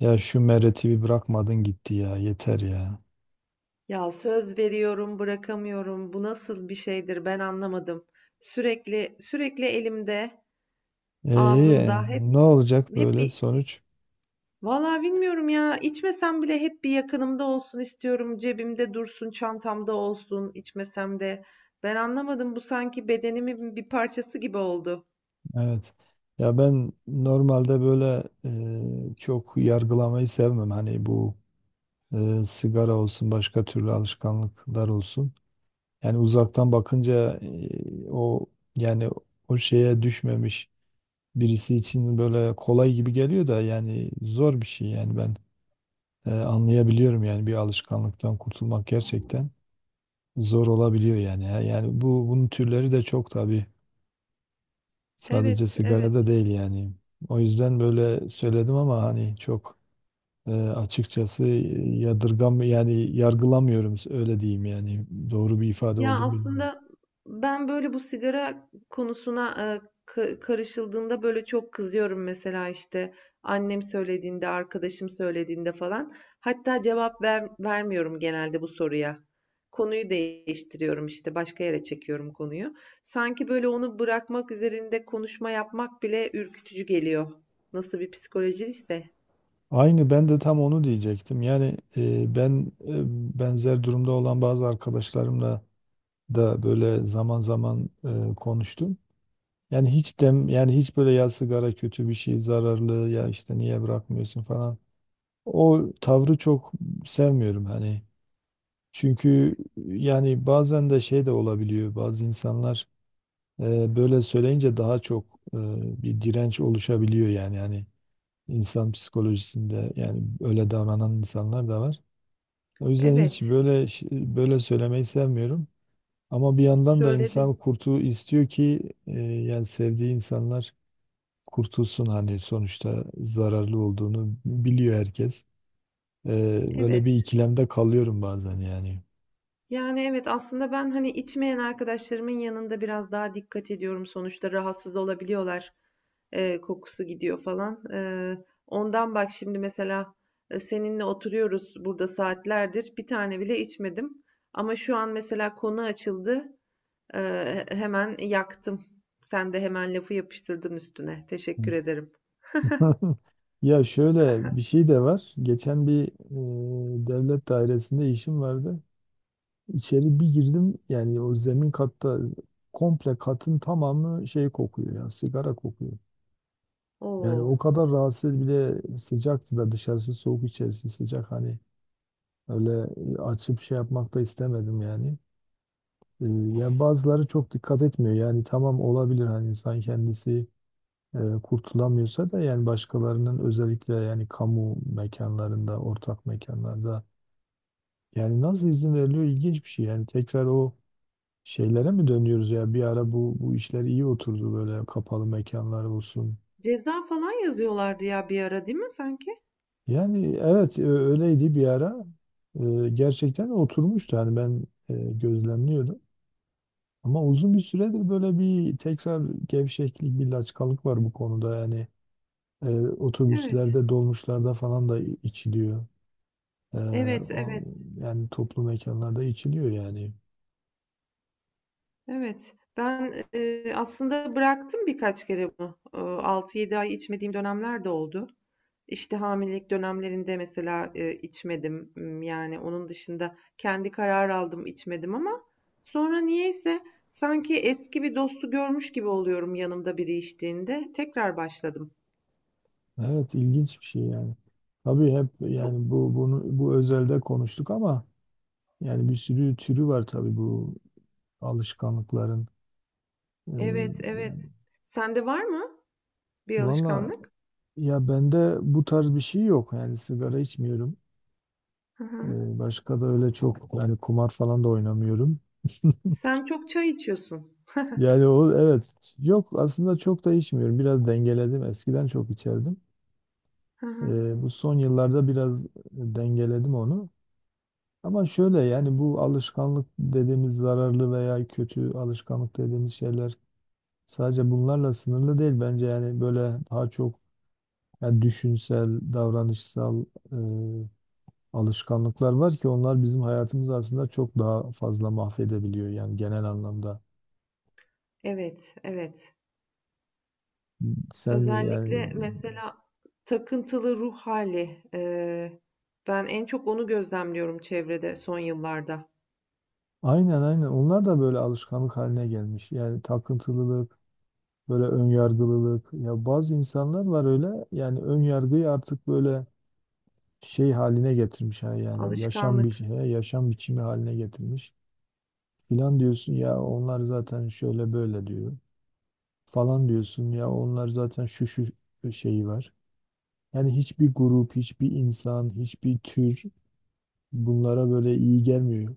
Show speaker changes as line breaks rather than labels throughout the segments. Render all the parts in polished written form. Ya şu Meret'i bir bırakmadın gitti ya yeter ya.
Ya söz veriyorum, bırakamıyorum. Bu nasıl bir şeydir ben anlamadım. Sürekli elimde,
Ee,
ağzımda hep
Ne olacak
hep
böyle
bir
sonuç?
Vallahi bilmiyorum ya. İçmesem bile hep bir yakınımda olsun istiyorum. Cebimde dursun, çantamda olsun, içmesem de. Ben anlamadım. Bu sanki bedenimin bir parçası gibi oldu.
Evet. Ya ben normalde böyle çok yargılamayı sevmem. Hani bu sigara olsun başka türlü alışkanlıklar olsun. Yani uzaktan bakınca o yani o şeye düşmemiş birisi için böyle kolay gibi geliyor da yani zor bir şey yani ben anlayabiliyorum yani bir alışkanlıktan kurtulmak gerçekten zor olabiliyor yani. Ya. Yani bu bunun türleri de çok tabii. Sadece
Evet,
sigarada
evet.
değil yani. O yüzden böyle söyledim ama hani çok açıkçası yadırgam yani yargılamıyorum öyle diyeyim yani. Doğru bir ifade
Ya
oldu mu bilmiyorum.
aslında ben böyle bu sigara konusuna karışıldığında böyle çok kızıyorum mesela işte annem söylediğinde, arkadaşım söylediğinde falan. Hatta vermiyorum genelde bu soruya. Konuyu değiştiriyorum işte başka yere çekiyorum konuyu. Sanki böyle onu bırakmak üzerinde konuşma yapmak bile ürkütücü geliyor. Nasıl bir psikolojiyse.
Aynı ben de tam onu diyecektim. Yani ben benzer durumda olan bazı arkadaşlarımla da böyle zaman zaman konuştum. Yani hiç dem yani hiç böyle ya sigara kötü bir şey zararlı ya işte niye bırakmıyorsun falan. O tavrı çok sevmiyorum hani. Çünkü yani bazen de şey de olabiliyor. Bazı insanlar böyle söyleyince daha çok e, bir direnç oluşabiliyor yani. Yani insan psikolojisinde yani öyle davranan insanlar da var. O yüzden hiç
Evet,
böyle böyle söylemeyi sevmiyorum. Ama bir yandan da insan
söyledin.
kurtu istiyor ki yani sevdiği insanlar kurtulsun hani sonuçta zararlı olduğunu biliyor herkes. Böyle bir
Evet.
ikilemde kalıyorum bazen yani.
Yani evet aslında ben hani içmeyen arkadaşlarımın yanında biraz daha dikkat ediyorum. Sonuçta rahatsız olabiliyorlar. Kokusu gidiyor falan. Ondan bak şimdi mesela seninle oturuyoruz burada saatlerdir. Bir tane bile içmedim. Ama şu an mesela konu açıldı. Hemen yaktım. Sen de hemen lafı yapıştırdın üstüne. Teşekkür ederim.
Ha, ya şöyle bir şey de var. Geçen bir devlet dairesinde işim vardı. İçeri bir girdim yani o zemin katta komple katın tamamı şey kokuyor ya sigara kokuyor. Yani
Oo,
o kadar rahatsız bile sıcaktı da dışarısı soğuk içerisi sıcak hani öyle açıp şey yapmak da istemedim yani. E, Yani bazıları çok dikkat etmiyor yani tamam olabilir hani insan kendisi kurtulamıyorsa da yani başkalarının özellikle yani kamu mekanlarında, ortak mekanlarda yani nasıl izin veriliyor ilginç bir şey. Yani tekrar o şeylere mi dönüyoruz ya bir ara bu işler iyi oturdu böyle kapalı mekanlar olsun.
ceza falan yazıyorlardı ya bir ara değil mi sanki?
Yani evet öyleydi bir ara. Gerçekten oturmuştu yani ben gözlemliyordum. Ama uzun bir süredir böyle bir tekrar gevşeklik, bir laçkalık var bu konuda yani. E,
Evet,
Otobüslerde, dolmuşlarda falan da içiliyor. Ee,
evet,
o-
evet,
Yani toplu mekanlarda içiliyor yani.
evet. Ben aslında bıraktım birkaç kere bunu. 6-7 ay içmediğim dönemler de oldu. İşte, hamilelik dönemlerinde mesela, içmedim. Yani, onun dışında kendi karar aldım, içmedim ama sonra niyeyse sanki eski bir dostu görmüş gibi oluyorum yanımda biri içtiğinde. Tekrar başladım.
Evet ilginç bir şey yani. Tabii hep
Bu
yani bu bunu bu özelde konuştuk ama yani bir sürü türü var tabii bu alışkanlıkların. Ee,
Evet, evet.
Yani
Sende var mı bir
valla
alışkanlık?
ya bende bu tarz bir şey yok. Yani sigara içmiyorum.
Hı hı.
Başka da öyle çok yani kumar falan da oynamıyorum.
Sen çok çay içiyorsun.
Yani o evet yok aslında çok da içmiyorum. Biraz dengeledim. Eskiden çok içerdim.
Hı hı.
Bu son yıllarda biraz dengeledim onu. Ama şöyle yani bu alışkanlık dediğimiz zararlı veya kötü alışkanlık dediğimiz şeyler sadece bunlarla sınırlı değil bence yani böyle daha çok yani düşünsel, davranışsal, eee, alışkanlıklar var ki onlar bizim hayatımızı aslında çok daha fazla mahvedebiliyor yani genel anlamda.
Evet, evet.
Sen yani
Özellikle mesela takıntılı ruh hali ben en çok onu gözlemliyorum çevrede son yıllarda.
aynen aynen onlar da böyle alışkanlık haline gelmiş. Yani takıntılılık, böyle ön yargılılık. Ya bazı insanlar var öyle. Yani ön yargıyı artık böyle şey haline getirmiş, ha, yani yaşam bir
Alışkanlık.
yaşam biçimi haline getirmiş. Filan diyorsun ya onlar zaten şöyle böyle diyor. Falan diyorsun ya onlar zaten şu şu şeyi var. Yani hiçbir grup, hiçbir insan, hiçbir tür bunlara böyle iyi gelmiyor.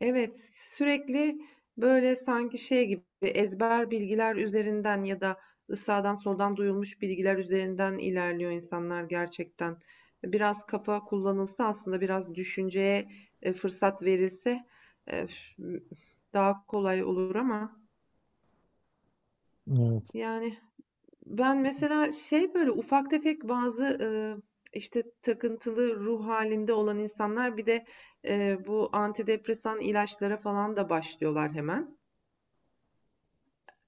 Evet, sürekli böyle sanki şey gibi ezber bilgiler üzerinden ya da sağdan soldan duyulmuş bilgiler üzerinden ilerliyor insanlar gerçekten. Biraz kafa kullanılsa aslında biraz düşünceye fırsat verilse e, daha kolay olur ama
Ee,
yani. Ben mesela şey böyle ufak tefek bazı işte takıntılı ruh halinde olan insanlar bir de bu antidepresan ilaçlara falan da başlıyorlar hemen.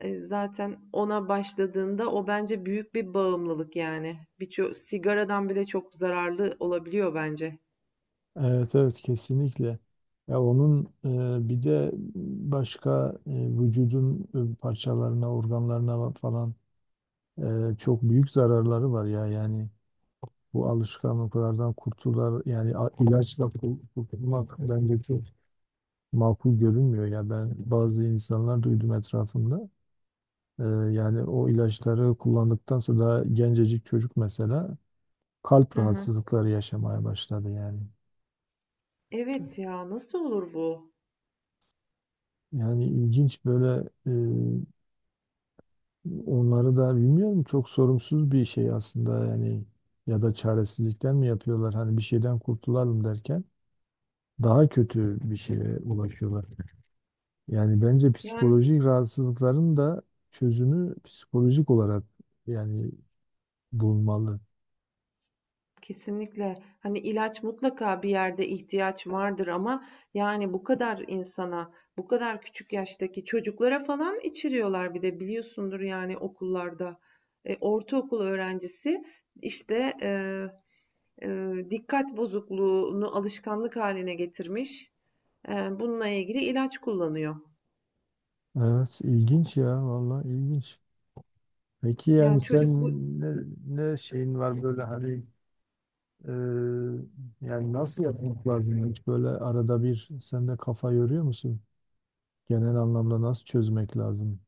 E, zaten ona başladığında o bence büyük bir bağımlılık yani. Birçok sigaradan bile çok zararlı olabiliyor bence.
Evet evet kesinlikle. Ya onun bir de başka vücudun parçalarına, organlarına falan çok büyük zararları var ya. Yani bu alışkanlıklardan kurtular yani ilaçla kurtulmak bence çok makul görünmüyor ya. Ben bazı insanlar duydum etrafımda. E, Yani o ilaçları kullandıktan sonra daha gencecik çocuk mesela kalp
Hı hı.
rahatsızlıkları yaşamaya başladı yani.
Evet ya nasıl olur bu?
Yani ilginç böyle, onları da bilmiyorum, çok sorumsuz bir şey aslında yani, ya da çaresizlikten mi yapıyorlar hani bir şeyden kurtulalım derken daha kötü bir şeye ulaşıyorlar. Yani bence
Yani
psikolojik rahatsızlıkların da çözümü psikolojik olarak yani bulunmalı.
kesinlikle. Hani, ilaç mutlaka bir yerde ihtiyaç vardır ama, yani, bu kadar insana, bu kadar küçük yaştaki çocuklara falan içiriyorlar bir de biliyorsundur, yani, okullarda. E, ortaokul öğrencisi, işte, dikkat bozukluğunu alışkanlık haline getirmiş, bununla ilgili ilaç kullanıyor.
Evet ilginç ya, vallahi ilginç. Peki yani
Yani,
sen
çocuk bu
ne, ne şeyin var böyle hani e, yani nasıl yapmak lazım, hiç böyle arada bir sen de kafa yoruyor musun? Genel anlamda nasıl çözmek lazım?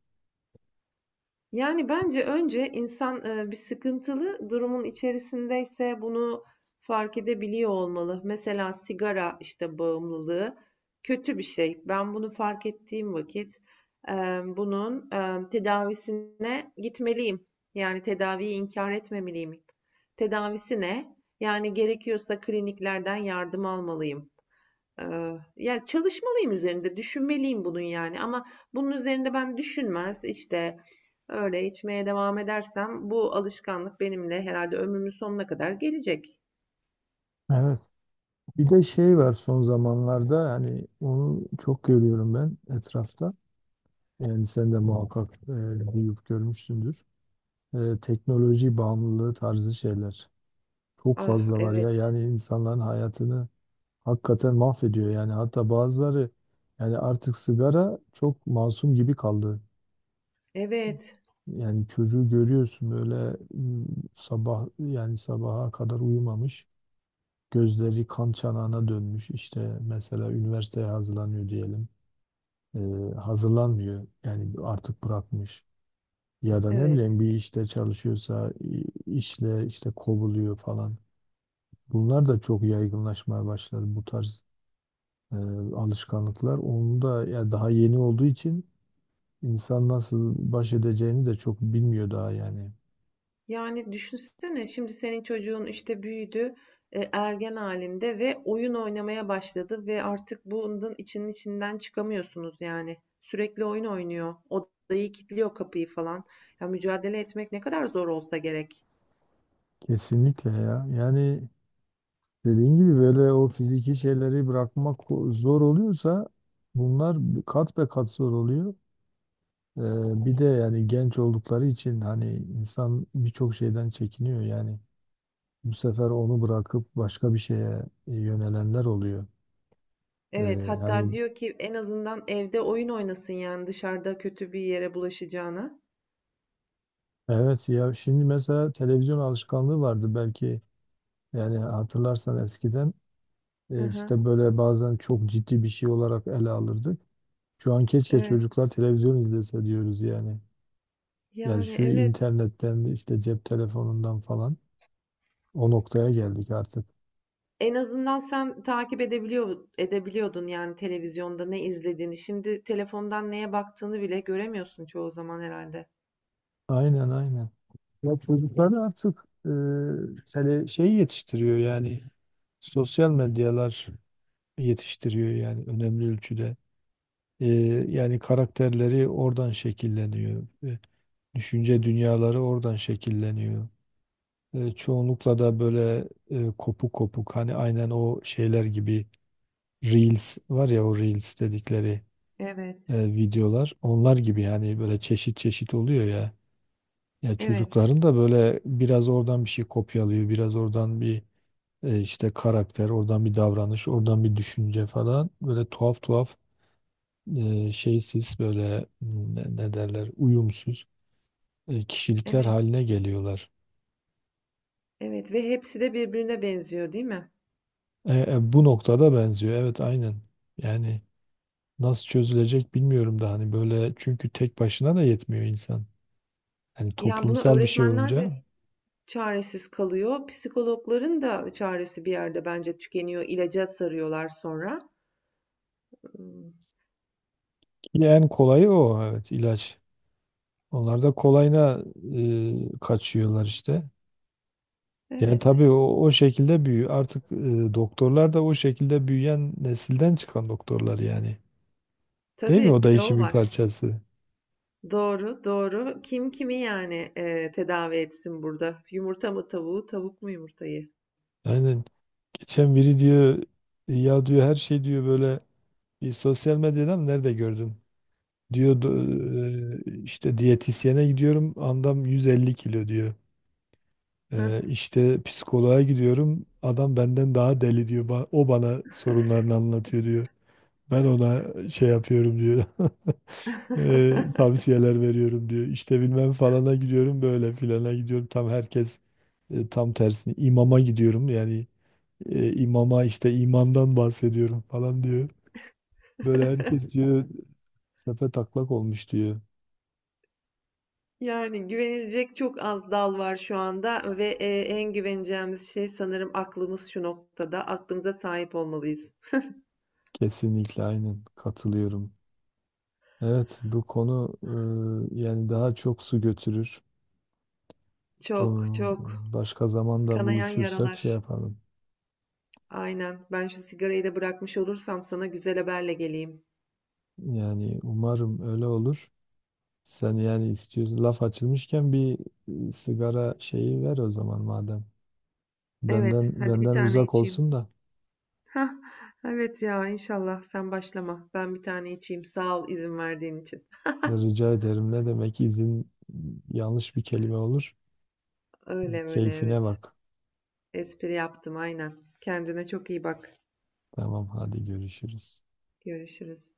Yani, bence önce insan, bir sıkıntılı durumun içerisindeyse bunu fark edebiliyor olmalı. Mesela sigara, işte, bağımlılığı kötü bir şey. Ben bunu fark ettiğim vakit, bunun, tedavisine gitmeliyim. Yani, tedaviyi inkar etmemeliyim. Tedavisi ne? Yani, gerekiyorsa kliniklerden yardım almalıyım. Ya, çalışmalıyım üzerinde, düşünmeliyim bunun yani ama bunun üzerinde ben düşünmez, işte, öyle içmeye devam edersem bu alışkanlık benimle herhalde ömrümün sonuna kadar gelecek.
Evet. Bir de şey var son zamanlarda yani onu çok görüyorum ben etrafta. Yani sen de muhakkak duyup görmüşsündür. Teknoloji bağımlılığı tarzı şeyler. Çok
Ah,
fazla var ya
evet,
yani insanların hayatını hakikaten mahvediyor yani, hatta bazıları yani artık sigara çok masum gibi kaldı.
evet,
Yani çocuğu görüyorsun böyle, sabah yani sabaha kadar uyumamış. Gözleri kan çanağına dönmüş. İşte mesela üniversiteye hazırlanıyor diyelim. Hazırlanmıyor. Yani artık bırakmış. Ya da ne
evet.
bileyim bir işte çalışıyorsa işle işte kovuluyor falan. Bunlar da çok yaygınlaşmaya başlar, bu tarz e, alışkanlıklar. Onu da ya daha yeni olduğu için insan nasıl baş edeceğini de çok bilmiyor daha yani.
Yani düşünsene şimdi senin çocuğun, işte, büyüdü, ergen halinde ve oyun oynamaya başladı ve artık bunun içinin içinden çıkamıyorsunuz yani. Sürekli oyun oynuyor, odayı kilitliyor, kapıyı falan. Ya, mücadele etmek ne kadar zor olsa gerek.
Kesinlikle ya. Yani dediğin gibi böyle o fiziki şeyleri bırakmak zor oluyorsa, bunlar kat be kat zor oluyor. Bir de yani genç oldukları için hani insan birçok şeyden çekiniyor yani. Bu sefer onu bırakıp başka bir şeye yönelenler oluyor. Ee,
Evet, hatta
Hani
diyor ki en azından evde oyun oynasın yani dışarıda kötü bir yere bulaşacağına.
evet ya şimdi mesela televizyon alışkanlığı vardı belki yani, hatırlarsan eskiden
Hı
işte
hı.
böyle bazen çok ciddi bir şey olarak ele alırdık. Şu an keşke
Evet.
çocuklar televizyon izlese diyoruz yani. Yani
Yani
şu
evet.
internetten işte cep telefonundan falan o noktaya geldik artık.
En azından sen takip edebiliyor edebiliyordun yani televizyonda ne izlediğini. Şimdi telefondan neye baktığını bile göremiyorsun çoğu zaman herhalde.
Aynen aynen. Ya çocukları artık şey yetiştiriyor yani, sosyal medyalar yetiştiriyor yani önemli ölçüde. E, Yani karakterleri oradan şekilleniyor. Düşünce dünyaları oradan şekilleniyor. Çoğunlukla da böyle kopuk kopuk, hani aynen o şeyler gibi, Reels var ya o Reels dedikleri.
Evet.
Videolar. Onlar gibi yani böyle çeşit çeşit oluyor ya. Ya
Evet.
çocukların da böyle biraz oradan bir şey kopyalıyor, biraz oradan bir işte karakter, oradan bir davranış, oradan bir düşünce falan. Böyle tuhaf tuhaf şeysiz böyle, ne derler, uyumsuz kişilikler
Evet.
haline geliyorlar.
Evet ve hepsi de birbirine benziyor, değil mi?
Bu noktada benziyor. Evet aynen. Yani nasıl çözülecek bilmiyorum da, hani böyle çünkü tek başına da yetmiyor insan. Hani
Yani bunu
toplumsal bir şey
öğretmenler
olunca.
de çaresiz kalıyor. Psikologların da çaresi bir yerde bence tükeniyor. İlaca sarıyorlar sonra. Hmm.
Ki en kolayı o, evet, ilaç. Onlar da kolayına kaçıyorlar işte. Yani
Evet.
tabii o şekilde büyüyor. Artık doktorlar da o şekilde büyüyen nesilden çıkan doktorlar yani. Değil mi? O
Tabii,
da
bir de
işin
o
bir
var.
parçası.
Doğru, doğru. Kim kimi yani, tedavi etsin burada? Yumurta mı tavuğu, tavuk mu yumurtayı?
Aynen. Geçen biri diyor ya, diyor her şey diyor böyle, bir sosyal medyada mı nerede gördüm? Diyor: işte diyetisyene gidiyorum, andam 150 kilo," diyor.
Hah.
İşte psikoloğa gidiyorum. Adam benden daha deli," diyor. "O bana sorunlarını anlatıyor," diyor. "Ben ona şey yapıyorum," diyor. "Tavsiyeler veriyorum," diyor. "İşte bilmem falana gidiyorum, böyle filana gidiyorum. Tam herkes tam tersini. İmama gidiyorum yani, imama işte imandan bahsediyorum falan," diyor. "Böyle herkes," diyor, "tepe taklak olmuş," diyor.
Yani güvenilecek çok az dal var şu anda ve, en güveneceğimiz şey sanırım aklımız şu noktada. Aklımıza sahip olmalıyız.
Kesinlikle aynen katılıyorum. Evet, bu konu yani daha çok su götürür. Bu
Çok, çok.
başka zamanda
Kanayan
buluşursak şey
yaralar.
yapalım.
Aynen. Ben şu sigarayı da bırakmış olursam sana güzel haberle geleyim.
Yani umarım öyle olur. Sen yani istiyorsun, laf açılmışken bir sigara şeyi ver o zaman madem.
Evet,
Benden
hadi bir
benden
tane
uzak
içeyim.
olsun da.
Hah, evet ya inşallah sen başlama. Ben bir tane içeyim. Sağ ol izin verdiğin için.
Rica ederim. Ne demek izin, yanlış bir kelime olur.
Öyle öyle
Keyfine
evet.
bak.
Espri yaptım aynen. Kendine çok iyi bak.
Tamam, hadi görüşürüz.
Görüşürüz.